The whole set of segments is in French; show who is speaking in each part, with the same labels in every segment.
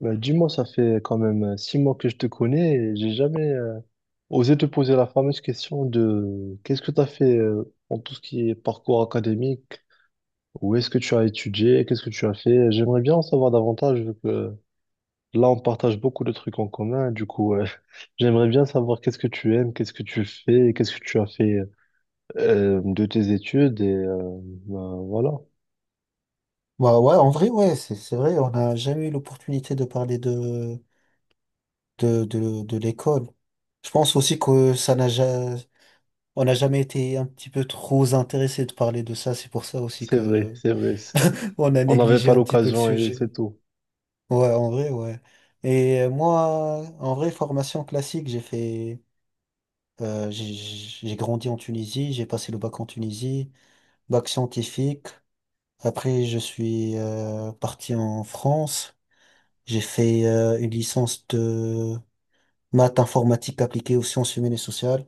Speaker 1: Bah, dis-moi, ça fait quand même 6 mois que je te connais et j'ai jamais osé te poser la fameuse question de qu'est-ce que tu as fait en tout ce qui est parcours académique, où est-ce que tu as étudié, qu'est-ce que tu as fait. J'aimerais bien en savoir davantage vu que là, on partage beaucoup de trucs en commun. Du coup, j'aimerais bien savoir qu'est-ce que tu aimes, qu'est-ce que tu fais, qu'est-ce que tu as fait de tes études et bah, voilà.
Speaker 2: Bah ouais, en vrai, ouais, c'est vrai, on n'a jamais eu l'opportunité de parler de l'école. Je pense aussi que ça n'a ja- on n'a jamais été un petit peu trop intéressé de parler de ça. C'est pour ça aussi
Speaker 1: C'est vrai,
Speaker 2: que
Speaker 1: c'est vrai.
Speaker 2: on a
Speaker 1: On n'avait
Speaker 2: négligé
Speaker 1: pas
Speaker 2: un petit peu le
Speaker 1: l'occasion et
Speaker 2: sujet.
Speaker 1: c'est tout.
Speaker 2: Ouais, en vrai, ouais. Et moi, en vrai, formation classique, j'ai grandi en Tunisie, j'ai passé le bac en Tunisie, bac scientifique. Après, je suis parti en France. J'ai fait une licence de maths informatique appliquée aux sciences humaines et sociales.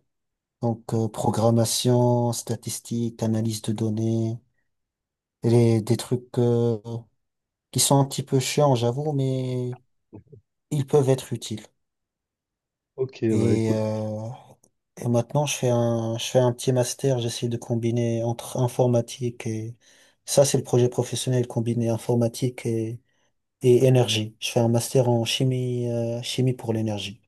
Speaker 2: Donc, programmation, statistique, analyse de données, et des trucs qui sont un petit peu chiants, j'avoue, mais ils peuvent être utiles.
Speaker 1: Ok, bah
Speaker 2: Et,
Speaker 1: écoute.
Speaker 2: euh, et maintenant, je fais un petit master, j'essaie de combiner entre informatique et... Ça, c'est le projet professionnel, combiner informatique et énergie. Je fais un master en chimie, chimie pour l'énergie.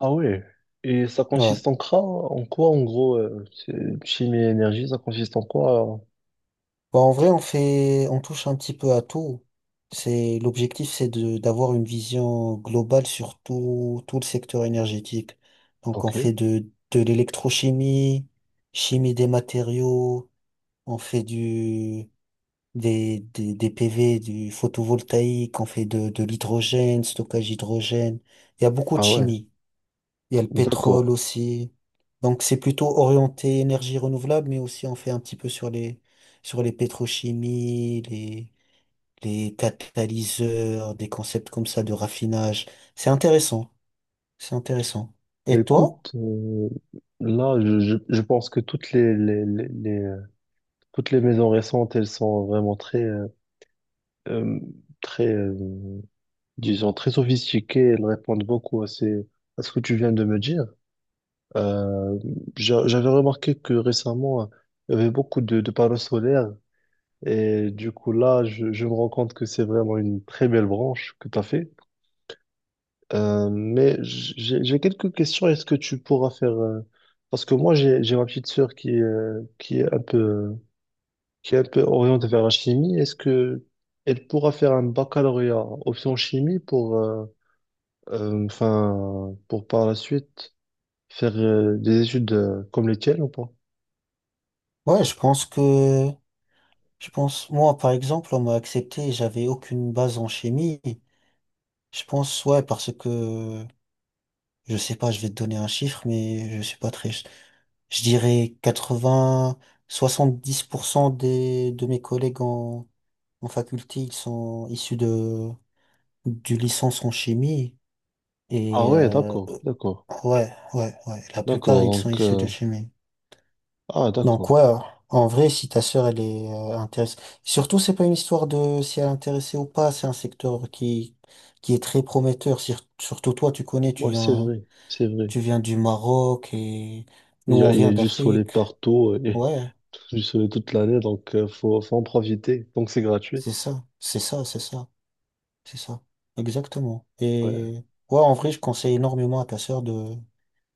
Speaker 1: Ah ouais. Et ça
Speaker 2: Ouais.
Speaker 1: consiste en quoi, en quoi, en gros, chimie et énergie, ça consiste en quoi?
Speaker 2: Bah, en vrai, on touche un petit peu à tout. L'objectif, c'est d'avoir une vision globale sur tout, tout le secteur énergétique. Donc, on
Speaker 1: Ok.
Speaker 2: fait de l'électrochimie, chimie des matériaux, on fait des PV, du photovoltaïque, on fait de l'hydrogène, stockage hydrogène. Il y a beaucoup de
Speaker 1: Ah ouais,
Speaker 2: chimie. Il y a le
Speaker 1: d'accord.
Speaker 2: pétrole aussi. Donc c'est plutôt orienté énergie renouvelable, mais aussi on fait un petit peu sur les pétrochimies, les catalyseurs, des concepts comme ça de raffinage. C'est intéressant, c'est intéressant. Et toi?
Speaker 1: Écoute, là, je pense que toutes les, toutes les maisons récentes, elles sont vraiment euh, très, euh, disons, très sophistiquées. Elles répondent beaucoup à à ce que tu viens de me dire. Euh, j'avais remarqué que récemment, il y avait beaucoup de panneaux solaires. Et du coup, là, je me rends compte que c'est vraiment une très belle branche que tu as fait. Mais j'ai quelques questions. Est-ce que tu pourras faire... Parce que moi, j'ai ma petite sœur qui est un peu, qui est un peu orientée vers la chimie. Est-ce que elle pourra faire un baccalauréat option chimie pour, enfin, pour par la suite faire des études comme les tiennes ou pas?
Speaker 2: Ouais, je pense que je pense moi par exemple on m'a accepté, j'avais aucune base en chimie. Je pense ouais parce que je sais pas, je vais te donner un chiffre, mais je suis pas très Je dirais 80, 70% de mes collègues en faculté, ils sont issus du licence en chimie.
Speaker 1: Ah
Speaker 2: Et
Speaker 1: ouais, d'accord, d'accord,
Speaker 2: ouais, la plupart, ils
Speaker 1: d'accord.
Speaker 2: sont
Speaker 1: Donc,
Speaker 2: issus de chimie.
Speaker 1: ah
Speaker 2: Donc
Speaker 1: d'accord.
Speaker 2: ouais, en vrai, si ta sœur, elle est intéressée. Surtout, c'est pas une histoire de si elle est intéressée ou pas, c'est un secteur qui est très prometteur. Surtout toi, tu connais,
Speaker 1: Ouais, c'est vrai, c'est vrai.
Speaker 2: tu viens du Maroc et nous, on
Speaker 1: Il y a
Speaker 2: vient
Speaker 1: du soleil
Speaker 2: d'Afrique.
Speaker 1: partout et
Speaker 2: Ouais.
Speaker 1: du soleil toute l'année, donc faut en profiter. Donc c'est gratuit.
Speaker 2: C'est ça, c'est ça. Exactement.
Speaker 1: Ouais.
Speaker 2: Et ouais, en vrai, je conseille énormément à ta sœur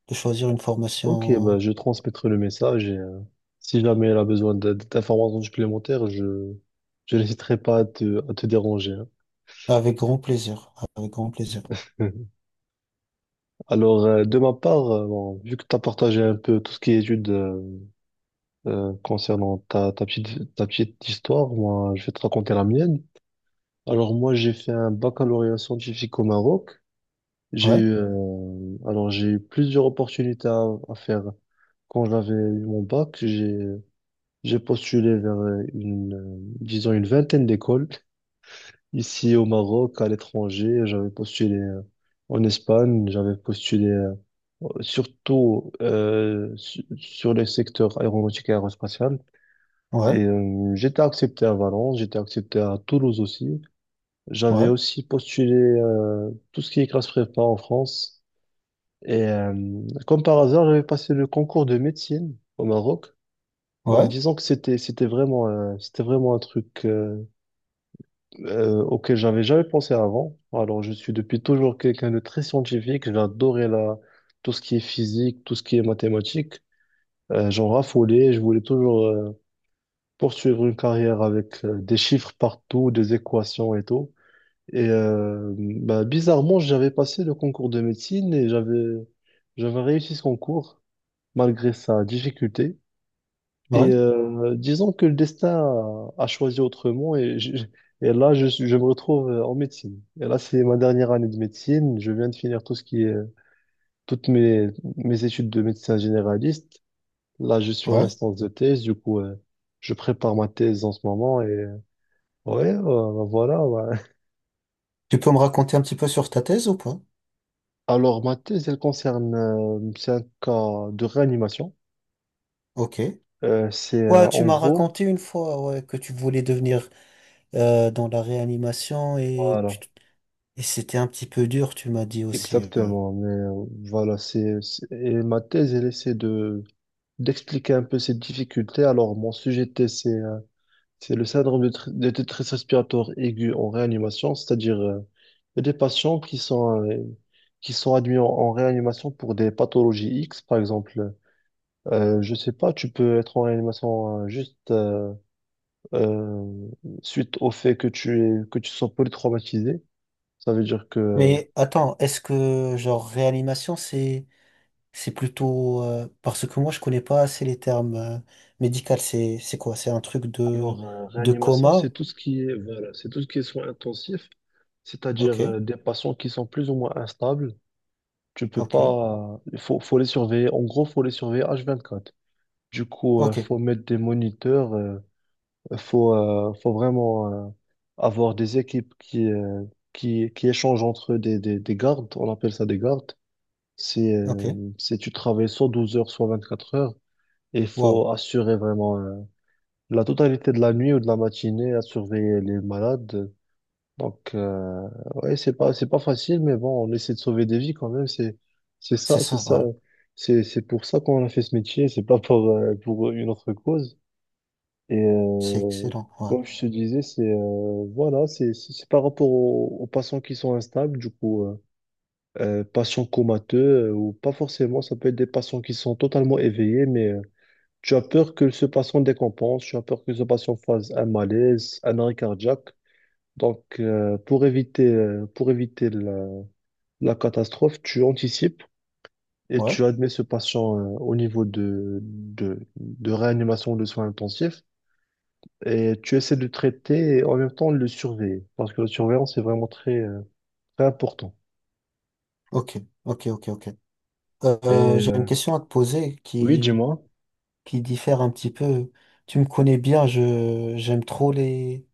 Speaker 2: de choisir une
Speaker 1: Ok, bah,
Speaker 2: formation
Speaker 1: je transmettrai le message et si jamais elle a besoin d'informations supplémentaires, je n'hésiterai pas à à te déranger.
Speaker 2: avec grand plaisir. Avec grand plaisir.
Speaker 1: Hein. Alors, de ma part, bon, vu que tu as partagé un peu tout ce qui est études concernant ta petite histoire, moi, je vais te raconter la mienne. Alors, moi, j'ai fait un baccalauréat scientifique au Maroc. J'ai
Speaker 2: Ouais,
Speaker 1: eu, alors, j'ai eu plusieurs opportunités à faire quand j'avais eu mon bac. J'ai postulé vers disons une vingtaine d'écoles ici au Maroc, à l'étranger. J'avais postulé en Espagne, j'avais postulé surtout sur les secteurs aéronautique et aérospatial. Et
Speaker 2: ouais,
Speaker 1: j'étais accepté à Valence, j'étais accepté à Toulouse aussi. J'avais
Speaker 2: ouais,
Speaker 1: aussi postulé tout ce qui est classe prépa en France. Et comme par hasard, j'avais passé le concours de médecine au Maroc. En
Speaker 2: ouais,
Speaker 1: disant que c'était vraiment un truc auquel j'avais jamais pensé avant. Alors je suis depuis toujours quelqu'un de très scientifique. J'ai adoré la tout ce qui est physique, tout ce qui est mathématiques. J'en raffolais. Je voulais toujours poursuivre une carrière avec des chiffres partout, des équations et tout. Et bah, bizarrement, j'avais passé le concours de médecine et j'avais réussi ce concours malgré sa difficulté. Et
Speaker 2: ouais,
Speaker 1: disons que le destin a choisi autrement et là, je me retrouve en médecine. Et là, c'est ma dernière année de médecine. Je viens de finir tout ce qui est, toutes mes, mes études de médecin généraliste. Là, je suis en
Speaker 2: ouais.
Speaker 1: instance de thèse. Du coup, je prépare ma thèse en ce moment. Et ouais, voilà. Ouais.
Speaker 2: Tu peux me raconter un petit peu sur ta thèse ou pas?
Speaker 1: Alors, ma thèse, elle concerne, c'est un cas de réanimation.
Speaker 2: Ok.
Speaker 1: C'est
Speaker 2: Ouais, tu
Speaker 1: en
Speaker 2: m'as
Speaker 1: gros,
Speaker 2: raconté une fois ouais, que tu voulais devenir dans la réanimation
Speaker 1: voilà.
Speaker 2: et c'était un petit peu dur, tu m'as dit aussi. Ouais.
Speaker 1: Exactement, mais voilà, c'est, et ma thèse, elle essaie de, d'expliquer un peu cette difficulté. Alors, mon sujet de thèse, c'est le syndrome de, de détresse respiratoire aiguë en réanimation, c'est-à-dire il y a des patients qui sont admis en, en réanimation pour des pathologies X, par exemple. Je sais pas, tu peux être en réanimation juste euh, suite au fait que que tu sois polytraumatisé. Ça veut dire que.
Speaker 2: Mais attends, est-ce que genre réanimation, c'est plutôt parce que moi je connais pas assez les termes médicaux. C'est quoi? C'est un truc
Speaker 1: Alors
Speaker 2: de
Speaker 1: réanimation, c'est
Speaker 2: coma?
Speaker 1: tout ce qui est voilà, c'est tout ce qui est soins intensifs,
Speaker 2: Ok,
Speaker 1: c'est-à-dire des patients qui sont plus ou moins instables. Tu peux
Speaker 2: ok,
Speaker 1: pas. Il faut, faut les surveiller. En gros, faut les surveiller H24. Du coup,
Speaker 2: ok,
Speaker 1: faut mettre des moniteurs. Faut vraiment avoir des équipes qui échangent entre eux des gardes. On appelle ça des gardes.
Speaker 2: ok.
Speaker 1: C'est tu travailles soit 12 heures, soit 24 heures. Et il
Speaker 2: Waouh,
Speaker 1: faut assurer vraiment la totalité de la nuit ou de la matinée à surveiller les malades. Donc, ouais, c'est pas facile, mais bon, on essaie de sauver des vies quand même. C'est
Speaker 2: c'est
Speaker 1: ça, c'est
Speaker 2: ça.
Speaker 1: ça,
Speaker 2: Ouais,
Speaker 1: c'est pour ça qu'on a fait ce métier. C'est pas pour, pour une autre cause. Et
Speaker 2: c'est excellent. Ouais,
Speaker 1: comme je te disais, c'est voilà, c'est, c'est par rapport aux, aux patients qui sont instables, du coup, patients comateux ou pas forcément. Ça peut être des patients qui sont totalement éveillés, mais tu as peur que ce patient décompense, tu as peur que ce patient fasse un malaise, un arrêt cardiaque. Donc, pour éviter la, la catastrophe, tu anticipes et
Speaker 2: ouais.
Speaker 1: tu admets ce patient, au niveau de réanimation ou de soins intensifs et tu essaies de le traiter et en même temps de le surveiller parce que la surveillance est vraiment très, très important.
Speaker 2: Ok, ok.
Speaker 1: Et
Speaker 2: J'ai une question à te poser
Speaker 1: oui, dis-moi.
Speaker 2: qui diffère un petit peu. Tu me connais bien. Je J'aime trop les.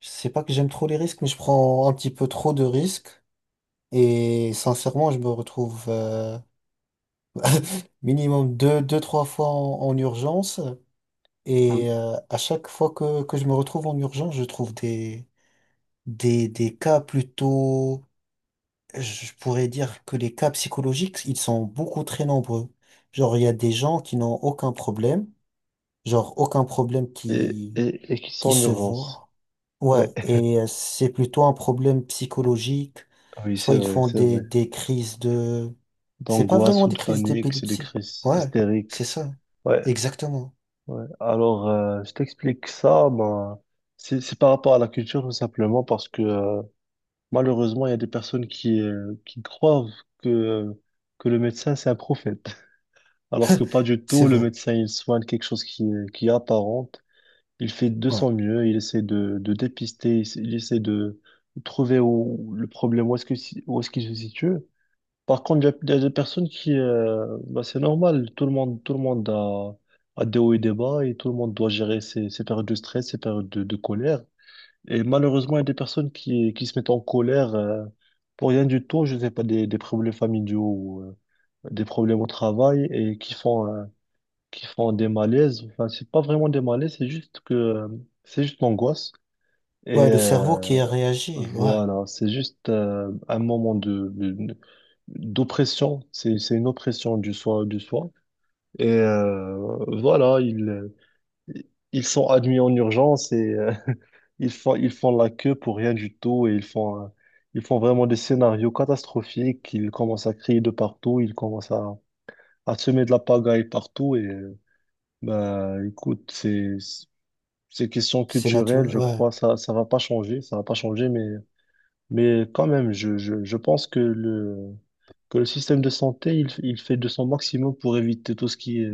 Speaker 2: Je sais pas que j'aime trop les risques, mais je prends un petit peu trop de risques. Et sincèrement, je me retrouve. Minimum deux, trois fois en urgence.
Speaker 1: Ah oui.
Speaker 2: Et à chaque fois que je me retrouve en urgence, je trouve des cas plutôt, je pourrais dire que les cas psychologiques, ils sont beaucoup très nombreux. Genre, il y a des gens qui n'ont aucun problème, genre aucun problème
Speaker 1: Et qui sont
Speaker 2: qui
Speaker 1: en
Speaker 2: se
Speaker 1: urgence.
Speaker 2: voit.
Speaker 1: Ouais.
Speaker 2: Ouais, et c'est plutôt un problème psychologique.
Speaker 1: Ah oui, c'est
Speaker 2: Soit ils
Speaker 1: vrai,
Speaker 2: font
Speaker 1: c'est vrai.
Speaker 2: des crises de... C'est pas
Speaker 1: D'angoisse
Speaker 2: vraiment
Speaker 1: ou
Speaker 2: des
Speaker 1: de
Speaker 2: crises
Speaker 1: panique, c'est des
Speaker 2: d'épilepsie.
Speaker 1: crises
Speaker 2: Ouais, c'est
Speaker 1: hystériques.
Speaker 2: ça.
Speaker 1: Ouais.
Speaker 2: Exactement.
Speaker 1: Ouais. Alors, je t'explique ça. Ben, c'est par rapport à la culture, tout simplement, parce que malheureusement, il y a des personnes qui croient que, que le médecin, c'est un prophète. Alors que pas du
Speaker 2: C'est
Speaker 1: tout, le
Speaker 2: vrai.
Speaker 1: médecin, il soigne quelque chose qui est apparente. Il fait de
Speaker 2: Ouais.
Speaker 1: son mieux, il essaie de dépister, il, il essaie de trouver où, le problème, où est-ce que, où est-ce qu'il se situe. Par contre, il y a des personnes qui, bah, c'est normal, tout le monde a des hauts et des bas et tout le monde doit gérer ses, ses périodes de stress, ses périodes de colère. Et malheureusement, il y a des personnes qui se mettent en colère pour rien du tout, je ne sais pas, des problèmes familiaux ou des problèmes au travail et qui font des malaises. Enfin, c'est pas vraiment des malaises, c'est juste que c'est juste l'angoisse. Et,
Speaker 2: Ouais, le cerveau qui a réagi. Ouais.
Speaker 1: voilà, c'est juste un moment de, d'oppression, c'est une oppression du soi, du soi. Et voilà, ils, ils sont admis en urgence et ils font la queue pour rien du tout et ils font vraiment des scénarios catastrophiques. Ils commencent à crier de partout, ils commencent à semer de la pagaille partout. Et bah, écoute, c'est question
Speaker 2: C'est
Speaker 1: culturelle,
Speaker 2: naturel.
Speaker 1: je
Speaker 2: Ouais.
Speaker 1: crois, ça va pas changer, ça va pas changer, mais. Mais quand même, je pense que le système de santé, il fait de son maximum pour éviter tout ce qui est,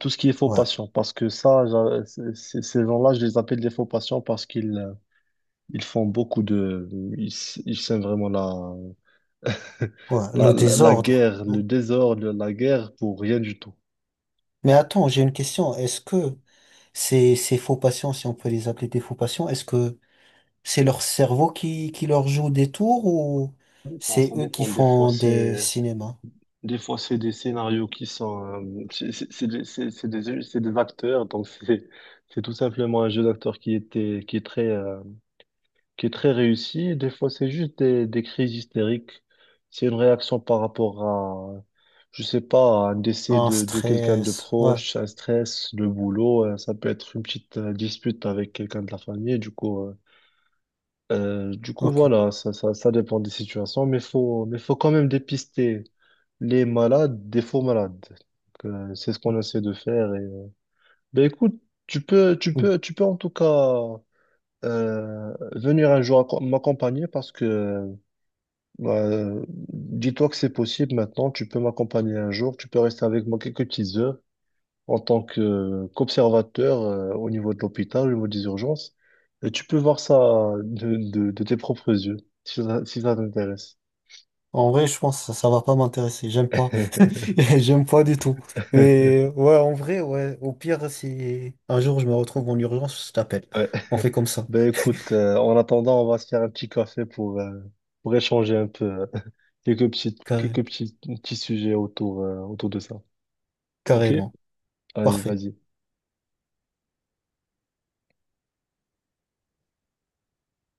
Speaker 1: tout ce qui est faux
Speaker 2: Ouais.
Speaker 1: patient. Parce que ça, ces gens-là, je les appelle des faux patients parce qu'ils ils font beaucoup de... Ils, ils sèment vraiment la,
Speaker 2: Ouais. Le
Speaker 1: la
Speaker 2: désordre,
Speaker 1: guerre,
Speaker 2: hein.
Speaker 1: le désordre, la guerre pour rien du tout.
Speaker 2: Mais attends, j'ai une question. Est-ce que ces faux patients, si on peut les appeler des faux patients, est-ce que c'est leur cerveau qui leur joue des tours ou
Speaker 1: Bon,
Speaker 2: c'est
Speaker 1: ça
Speaker 2: eux qui
Speaker 1: dépend.
Speaker 2: font des cinémas?
Speaker 1: Des fois, c'est des scénarios qui sont... c'est des acteurs, donc c'est tout simplement un jeu d'acteur qui est très réussi. Des fois, c'est juste des crises hystériques. C'est une réaction par rapport à, je sais pas, à un décès
Speaker 2: Un
Speaker 1: de quelqu'un de
Speaker 2: stress. Ouais,
Speaker 1: proche, un stress, le boulot. Ça peut être une petite dispute avec quelqu'un de la famille. Du coup,
Speaker 2: ok.
Speaker 1: voilà, ça dépend des situations, mais faut quand même dépister les malades des faux malades. Donc, c'est ce qu'on essaie de faire. Et, ben écoute, tu peux, tu peux, tu peux en tout cas venir un jour m'accompagner parce que dis-toi que c'est possible maintenant. Tu peux m'accompagner un jour. Tu peux rester avec moi quelques petites heures en tant que qu'observateur au niveau de l'hôpital, au niveau des urgences. Et tu peux voir ça de tes propres yeux si ça, si ça t'intéresse.
Speaker 2: En vrai, je pense que ça va pas m'intéresser. J'aime pas. J'aime pas du tout. Mais ouais, en vrai, ouais. Au pire, si un jour je me retrouve en urgence, je t'appelle.
Speaker 1: Ouais.
Speaker 2: On fait comme ça.
Speaker 1: Ben écoute, en attendant, on va se faire un petit café pour échanger un peu
Speaker 2: Carré-
Speaker 1: quelques petits, petits sujets autour, autour de ça. Ok?
Speaker 2: Carrément.
Speaker 1: Allez,
Speaker 2: Parfait.
Speaker 1: vas-y.